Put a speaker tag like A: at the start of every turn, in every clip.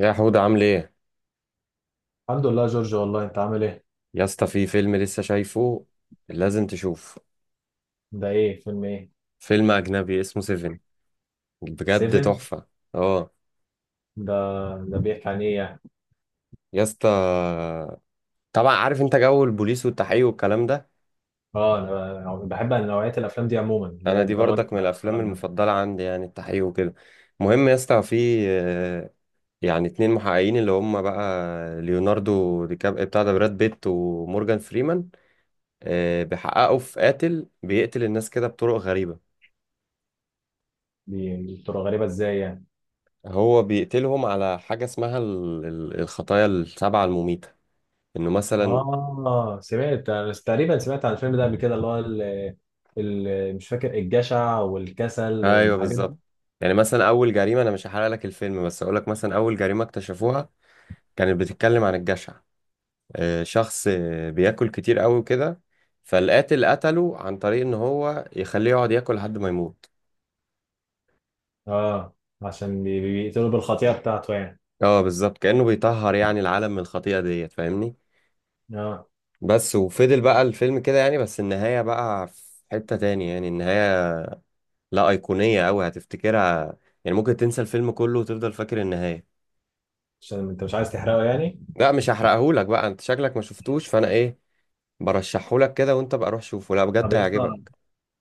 A: يا حود عامل ايه؟
B: الحمد لله يا جورج، والله انت عامل ايه؟
A: يا اسطى في فيلم لسه شايفه، لازم تشوف.
B: ده ايه؟ فيلم ايه؟
A: فيلم اجنبي اسمه سيفن، بجد
B: 7؟
A: تحفة. اه.
B: ده ده بيحكي عن ايه يعني؟
A: يا اسطى طبعا عارف انت جو البوليس والتحقيق والكلام ده.
B: اه انا بحب نوعية الافلام دي عموما اللي
A: انا
B: هي
A: دي
B: الجرايم
A: برضك من
B: بقى
A: الافلام
B: والكلام ده.
A: المفضلة عندي، يعني التحقيق وكده. المهم يا اسطى في يعني اتنين محققين اللي هم بقى ليوناردو دي كاب بتاع ده براد بيت ومورجان فريمان، بيحققوا في قاتل بيقتل الناس كده بطرق غريبة.
B: دي بتبقى غريبة ازاي يعني؟
A: هو بيقتلهم على حاجة اسمها الخطايا السبعة المميتة، انه مثلا.
B: اه سمعت انا تقريبا، سمعت عن الفيلم ده قبل كده اللي هو مش فاكر الجشع والكسل
A: ايوه
B: والحاجات دي.
A: بالظبط. يعني مثلا اول جريمة، انا مش هحرق لك الفيلم بس اقول لك مثلا اول جريمة اكتشفوها كانت بتتكلم عن الجشع. شخص بياكل كتير قوي وكده، فالقاتل قتله عن طريق ان هو يخليه يقعد ياكل لحد ما يموت.
B: اه عشان بيقتلوا بالخطيئة بتاعته يعني.
A: اه بالظبط، كأنه بيطهر يعني العالم من الخطيئة ديت، فاهمني؟
B: اه
A: بس، وفضل بقى الفيلم كده يعني، بس النهاية بقى في حتة تاني. يعني النهاية لا، أيقونية أوي هتفتكرها. يعني ممكن تنسى الفيلم كله وتفضل فاكر النهاية.
B: عشان انت مش عايز تحرقه يعني.
A: لا مش هحرقهولك بقى، انت شكلك ما شفتوش، فانا ايه، برشحهولك كده وانت بقى روح شوفه، لا
B: طب
A: بجد
B: يا اسطى،
A: هيعجبك.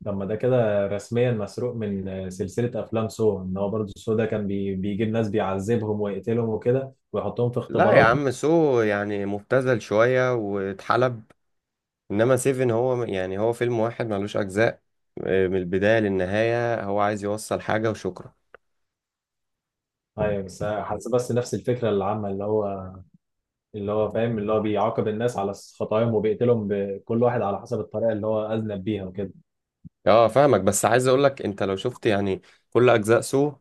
B: طب ما ده كده رسميا مسروق من سلسلة أفلام سو، إن هو برضه سو ده كان بيجيب ناس بيعذبهم ويقتلهم وكده ويحطهم في
A: لا يا
B: اختبارات.
A: عم سو يعني مبتذل شوية واتحلب، انما سيفن هو يعني هو فيلم واحد ملوش اجزاء، من البداية للنهاية هو عايز يوصل حاجة وشكرا.
B: أيوة بس حاسس، بس نفس الفكرة العامة اللي هو فاهم اللي هو بيعاقب الناس على خطاياهم وبيقتلهم بكل واحد على حسب الطريقة اللي هو أذنب بيها وكده.
A: اه فاهمك، بس عايز اقولك انت لو شفت يعني كل اجزاء سو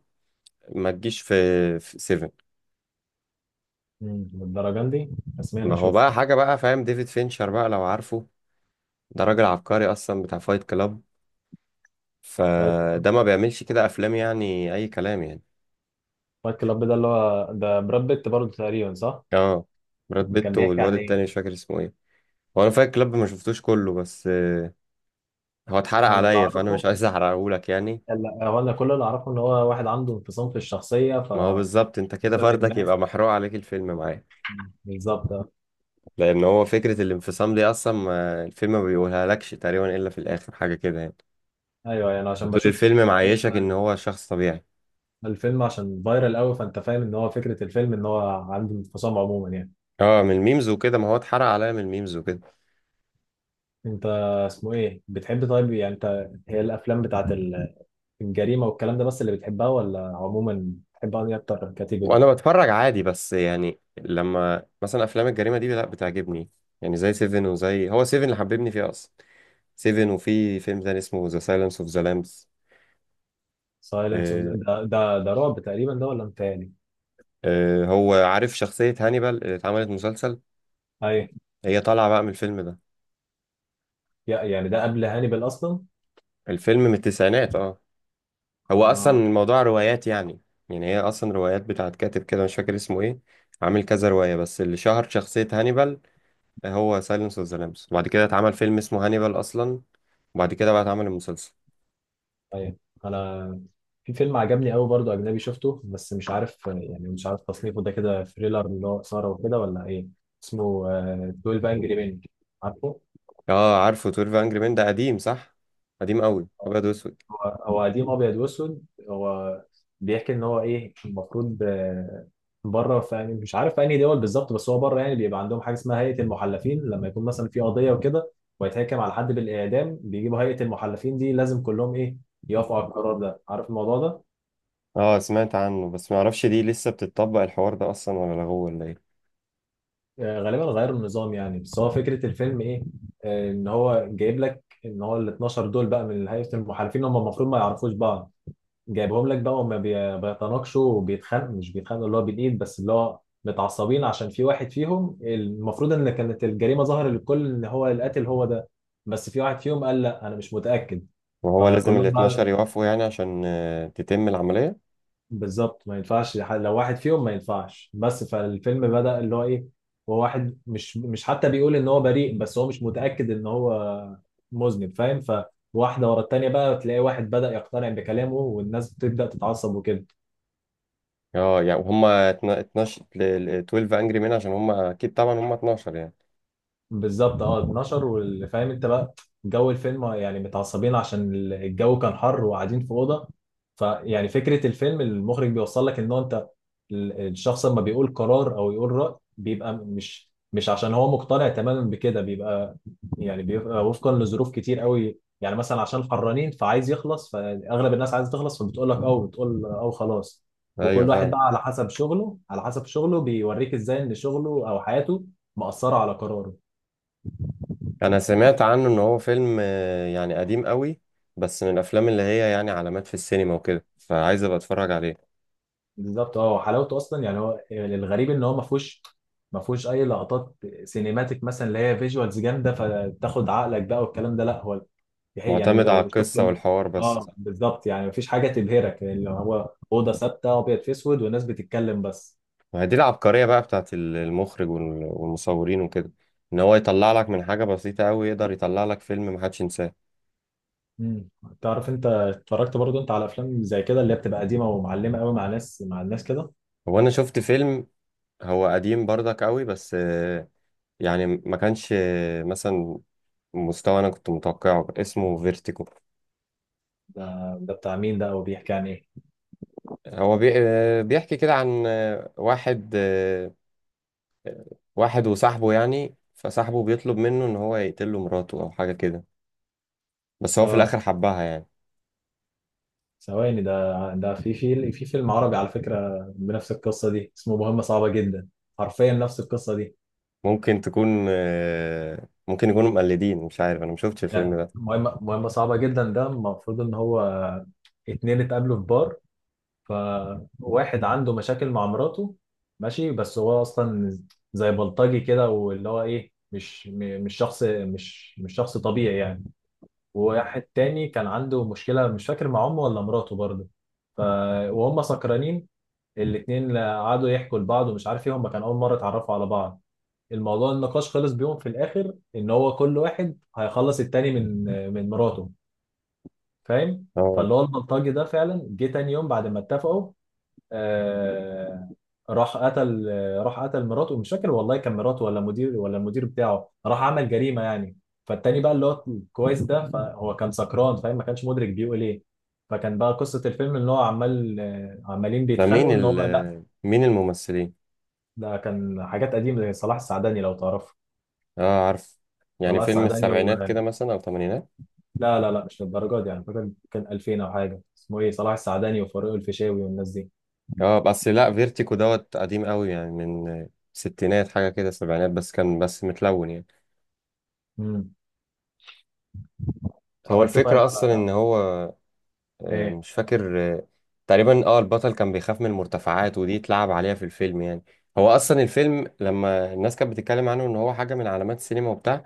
A: ما تجيش في في سيفن.
B: للدرجة دي؟ رسميا
A: ما هو
B: أشوف.
A: بقى حاجة بقى، فاهم ديفيد فينشر بقى لو عارفه؟ ده راجل عبقري اصلا، بتاع فايت كلاب،
B: فايت
A: فده ما بيعملش كده افلام يعني اي كلام يعني.
B: فايت كلاب ده اللي هو ده براد بيت برضه تقريبا، صح؟
A: اه. براد
B: كان
A: بيت
B: بيحكي
A: والواد
B: عن إيه؟
A: التاني مش فاكر اسمه ايه. هو انا فايت كلاب ما شفتوش كله، بس هو اتحرق
B: أنا اللي
A: عليا فانا مش
B: أعرفه
A: عايز احرقهولك يعني.
B: لا، هو أنا كل اللي أعرفه إن هو واحد عنده انفصام في الشخصية. ف
A: ما هو بالظبط، انت كده
B: سبب
A: فردك
B: ما
A: يبقى محروق عليك الفيلم معاه.
B: بالظبط آه.
A: لان هو فكرة الانفصام دي اصلا ما الفيلم ما بيقولها لكش تقريبا الا في الاخر، حاجة كده يعني.
B: ايوه يعني عشان
A: وطول
B: بشوف
A: الفيلم معيشك ان هو شخص طبيعي.
B: الفيلم، عشان فايرال قوي فانت فاهم ان هو فكره الفيلم ان هو عنده انفصام عموما يعني.
A: اه من الميمز وكده، ما هو اتحرق عليا من الميمز وكده.
B: انت اسمه ايه بتحب طيب؟ يعني انت هي الافلام بتاعت الجريمه والكلام ده بس اللي بتحبها، ولا عموما بتحب انهي اكتر كاتيجوري؟
A: وانا بتفرج عادي، بس يعني لما مثلا افلام الجريمه دي لا بتعجبني. يعني زي سيفن، وزي هو سيفن اللي حببني فيه اصلا، سيفن، وفي فيلم تاني اسمه ذا سايلنس اوف ذا لامبس.
B: سايلنس اوف ده رعب تقريبا، ده ولا متهيألي؟
A: هو عارف شخصيه هانيبال اللي اتعملت مسلسل؟
B: ايوه.
A: هي طالعه بقى من الفيلم ده.
B: يعني ده قبل هانيبال اصلا.
A: الفيلم من التسعينات اه. هو اصلا
B: اه.
A: الموضوع روايات يعني، يعني هي اصلا روايات بتاعت كاتب كده مش فاكر اسمه ايه، عامل كذا روايه، بس اللي شهر شخصيه هانيبال هو سايلنس اوف ذا لامبس، وبعد كده اتعمل فيلم اسمه هانيبال اصلا، وبعد كده بقى اتعمل المسلسل.
B: ايوه انا، في فيلم عجبني قوي برضو اجنبي شفته بس مش عارف يعني، مش عارف تصنيفه ده كده ثريلر اللي هو اثاره وكده ولا ايه. اسمه 12 انجري مان، عارفه؟
A: اه عارفه، 12 انجري مان ده قديم صح، قديم قوي ابيض واسود.
B: هو هو قديم ابيض واسود. هو بيحكي ان هو ايه المفروض، بره في يعني مش عارف في انهي دول بالظبط، بس هو بره يعني بيبقى عندهم حاجه اسمها هيئه المحلفين لما يكون مثلا في قضيه وكده ويتحكم على حد بالاعدام، بيجيبوا هيئه المحلفين دي لازم كلهم ايه، يوافقوا على القرار ده، عارف الموضوع ده؟
A: اه سمعت عنه، بس ما اعرفش دي لسه بتطبق الحوار ده اصلا ولا لغوه ولا ايه.
B: غالبا غيروا النظام يعني. بس هو فكرة الفيلم ايه، ان هو جايب لك ان هو ال 12 دول بقى من هيئة المحالفين هم المفروض ما يعرفوش بعض، جايبهم لك بقى وما بيتناقشوا وبيتخانقوا، مش بيتخانقوا اللي هو بالايد، بس اللي هو متعصبين عشان في واحد فيهم المفروض ان كانت الجريمة ظاهرة للكل ان هو القاتل هو ده، بس في واحد فيهم قال لا انا مش متأكد.
A: وهو لازم ال
B: فكلهم بقى
A: 12 يوافقوا يعني عشان تتم العملية.
B: بالظبط ما ينفعش، لو واحد فيهم ما ينفعش بس، فالفيلم بدأ اللي هو ايه. هو واحد مش حتى بيقول ان هو بريء، بس هو مش متأكد ان هو مذنب، فاهم؟ فواحدة ورا التانية بقى تلاقي واحد بدأ يقتنع بكلامه والناس بتبدأ تتعصب وكده.
A: اه يعني، وهم 12 12 انجري مان، عشان هم اكيد طبعا هم 12 يعني.
B: بالظبط اه، 12، واللي فاهم انت بقى جو الفيلم يعني متعصبين عشان الجو كان حر وقاعدين في اوضه. فيعني فكره الفيلم المخرج بيوصل لك ان هو انت الشخص لما بيقول قرار او يقول راي بيبقى مش عشان هو مقتنع تماما بكده، بيبقى يعني بيبقى وفقا لظروف كتير قوي يعني، مثلا عشان حرانين فعايز يخلص، فاغلب الناس عايزه تخلص فبتقول لك او بتقول او خلاص.
A: ايوه
B: وكل واحد
A: فاهم.
B: بقى على حسب شغله، على حسب شغله بيوريك ازاي ان شغله او حياته مأثره على قراره.
A: انا سمعت عنه ان هو فيلم يعني قديم قوي، بس من الافلام اللي هي يعني علامات في السينما وكده، فعايز ابقى اتفرج عليه.
B: بالظبط اه، حلاوته اصلا يعني هو الغريب ان هو ما فيهوش، ما فيهوش اي لقطات سينيماتيك مثلا اللي هي فيجوالز جامده فتاخد عقلك بقى والكلام ده، لا هو، هي يعني
A: معتمد على
B: لو شفته
A: القصة
B: من...
A: والحوار بس.
B: اه بالظبط يعني ما فيش حاجه تبهرك يعني، اللي هو اوضه ثابته ابيض في اسود والناس بتتكلم بس.
A: ما هي دي العبقرية بقى بتاعت المخرج والمصورين وكده، ان هو يطلع لك من حاجة بسيطة قوي يقدر يطلع لك فيلم محدش ينساه.
B: امم، تعرف انت اتفرجت برضو انت على افلام زي كده اللي هي بتبقى قديمه ومعلمه قوي مع مع الناس كده؟
A: هو انا شفت فيلم، هو قديم برضك قوي بس يعني ما كانش مثلا مستوى انا كنت متوقعه، اسمه فيرتيكو.
B: ده ده بتاع مين ده وبيحكي عن ايه؟
A: هو بي... آه، بيحكي كده عن واحد، واحد وصاحبه يعني، فصاحبه بيطلب منه ان هو يقتله مراته او حاجة كده، بس هو في
B: اه
A: الاخر حبها يعني.
B: ثواني، ده في فيلم عربي على فكرة بنفس القصة دي اسمه مهمة صعبة جدا، حرفيا نفس القصة دي.
A: ممكن تكون ممكن يكونوا مقلدين، مش عارف انا ما شفتش الفيلم
B: لا
A: ده.
B: مهمة صعبة جدا ده المفروض ان هو اتنين اتقابلوا في بار، فواحد عنده مشاكل مع مراته، ماشي، بس هو اصلا زي بلطجي كده واللي هو ايه، مش م- مش شخص مش مش شخص طبيعي يعني. وواحد تاني كان عنده مشكلة مش فاكر مع امه ولا مراته برضه. ف... وهم سكرانين الاتنين، قعدوا يحكوا لبعض ومش عارف ايه، هم كان اول مره اتعرفوا على بعض. الموضوع النقاش خلص بيهم في الاخر ان هو كل واحد هيخلص التاني من، مراته، فاهم؟
A: اه.
B: فاللي هو البلطجي ده فعلا جه تاني يوم بعد ما اتفقوا، آه، راح قتل راح قتل مراته، مش فاكر والله كان مراته ولا مدير ولا المدير بتاعه، راح عمل جريمه يعني. فالتاني بقى اللي هو كويس ده، فهو كان سكران فاهم ما كانش مدرك بيقول ايه. فكان بقى قصه الفيلم ان هو عمالين
A: ده مين
B: بيتخانقوا ان هو...
A: ال مين الممثلين؟
B: ده كان حاجات قديمة زي صلاح السعداني لو تعرفه.
A: اه عارف. يعني
B: صلاح
A: فيلم
B: السعداني
A: السبعينات
B: و...
A: كده مثلا او الثمانينات.
B: لا لا لا مش للدرجة دي يعني، فاكر كان 2000 أو حاجة، اسمه إيه، صلاح السعداني وفاروق الفيشاوي والناس دي.
A: اه بس لا فيرتيكو دوت قديم قوي، يعني من ستينات حاجه كده، سبعينات، بس كان بس متلون يعني.
B: امم،
A: هو
B: اتفرجت طيب
A: الفكره اصلا
B: على
A: ان هو
B: إيه؟
A: مش فاكر تقريبا اه، البطل كان بيخاف من المرتفعات، ودي اتلعب عليها في الفيلم يعني. هو اصلا الفيلم لما الناس كانت بتتكلم عنه ان هو حاجه من علامات السينما وبتاع،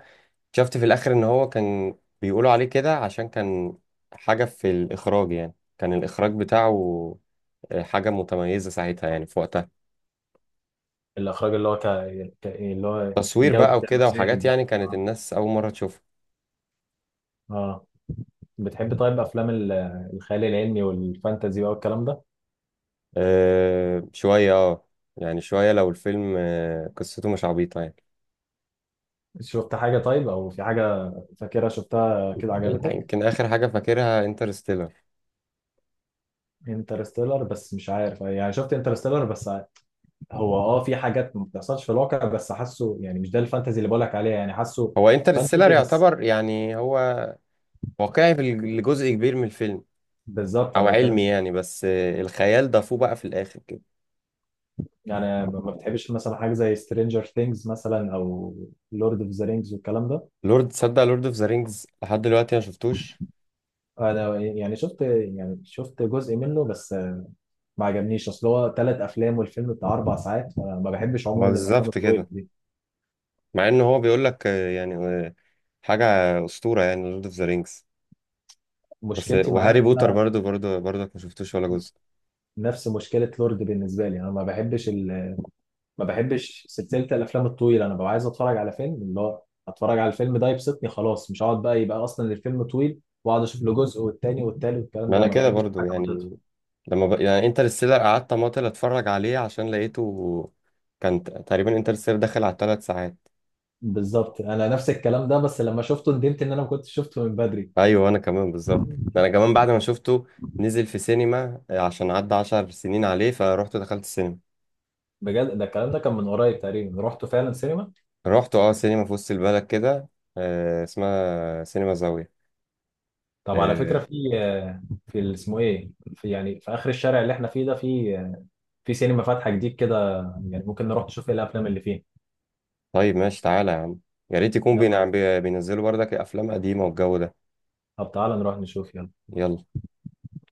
A: شفت في الاخر ان هو كان بيقولوا عليه كده عشان كان حاجة في الاخراج، يعني كان الاخراج بتاعه حاجة متميزة ساعتها يعني في وقتها.
B: الإخراج اللي هو إيه اللي هو
A: تصوير
B: جودة
A: بقى وكده
B: المشاهد
A: وحاجات
B: دي.
A: يعني كانت
B: آه.
A: الناس اول مرة تشوفها.
B: آه بتحب طيب أفلام الخيال العلمي والفانتازي بقى والكلام ده؟
A: أه شوية اه، يعني شوية لو الفيلم قصته مش عبيطة يعني.
B: شفت حاجة طيب، أو في حاجة فاكرها شفتها كده عجبتك؟
A: يمكن اخر حاجة فاكرها انترستيلر.
B: انترستيلر، بس مش عارف يعني شفت انترستيلر بس، هو اه في حاجات ما بتحصلش في الواقع بس حاسه يعني مش ده الفانتزي اللي بقولك عليها، يعني حاسه
A: هو انترستيلر
B: فانتزي بس.
A: يعتبر يعني هو واقعي في الجزء كبير من الفيلم،
B: بالظبط
A: او
B: انا بتكلم
A: علمي
B: في...
A: يعني، بس الخيال ضافوه بقى في الاخر كده.
B: يعني ما بتحبش مثلا حاجه زي سترينجر ثينجز مثلا او لورد اوف ذا رينجز والكلام ده؟
A: لورد، تصدق لورد اوف ذا رينجز لحد دلوقتي ما شفتوش.
B: انا يعني شفت جزء منه بس ما عجبنيش، اصل هو ثلاث افلام والفيلم بتاع اربع ساعات، فانا ما بحبش
A: ما
B: عموما الافلام
A: بالظبط
B: الطويله
A: كده،
B: دي.
A: مع ان هو بيقول لك حاجه اسطوره يعني لورد اوف ذا رينجز، بس
B: مشكلتي معاه
A: وهاري
B: ان
A: بوتر
B: انا،
A: برضو برضو برضك ما شفتوش ولا جزء.
B: نفس مشكله لورد بالنسبه لي، انا ما بحبش سلسله الافلام الطويله. انا ببقى عايز اتفرج على فيلم اللي هو اتفرج على الفيلم ده يبسطني خلاص، مش هقعد بقى يبقى اصلا الفيلم طويل واقعد اشوف له جزء والتاني والتالت والكلام
A: ما
B: ده،
A: انا
B: ما
A: كده
B: بحبش
A: برضو
B: حاجه ما تقطع.
A: يعني، لما يعني انترستيلر قعدت اماطل اتفرج عليه عشان لقيته كان تقريبا انترستيلر داخل على 3 ساعات.
B: بالظبط انا نفس الكلام ده، بس لما شفته ندمت ان انا ما كنتش شفته من بدري.
A: ايوه انا كمان بالظبط، ده انا كمان بعد ما شفته نزل في سينما، عشان عدى 10 سنين عليه فروحت دخلت السينما.
B: بجد، ده الكلام ده كان من قريب تقريبا رحت فعلا سينما.
A: رحت اه سينما في وسط البلد كده، آه اسمها سينما زاوية.
B: طب على فكره،
A: آه
B: في، اسمه ايه، يعني في اخر الشارع اللي احنا فيه ده، في، سينما فاتحه جديد كده، يعني ممكن نروح نشوف ايه الافلام اللي فيه.
A: طيب ماشي تعالى يا عم، يا ريت يكون
B: يلا،
A: بينزلوا بردك افلام قديمة والجو ده.
B: طب تعالى نروح نشوف. يلا.
A: يلا.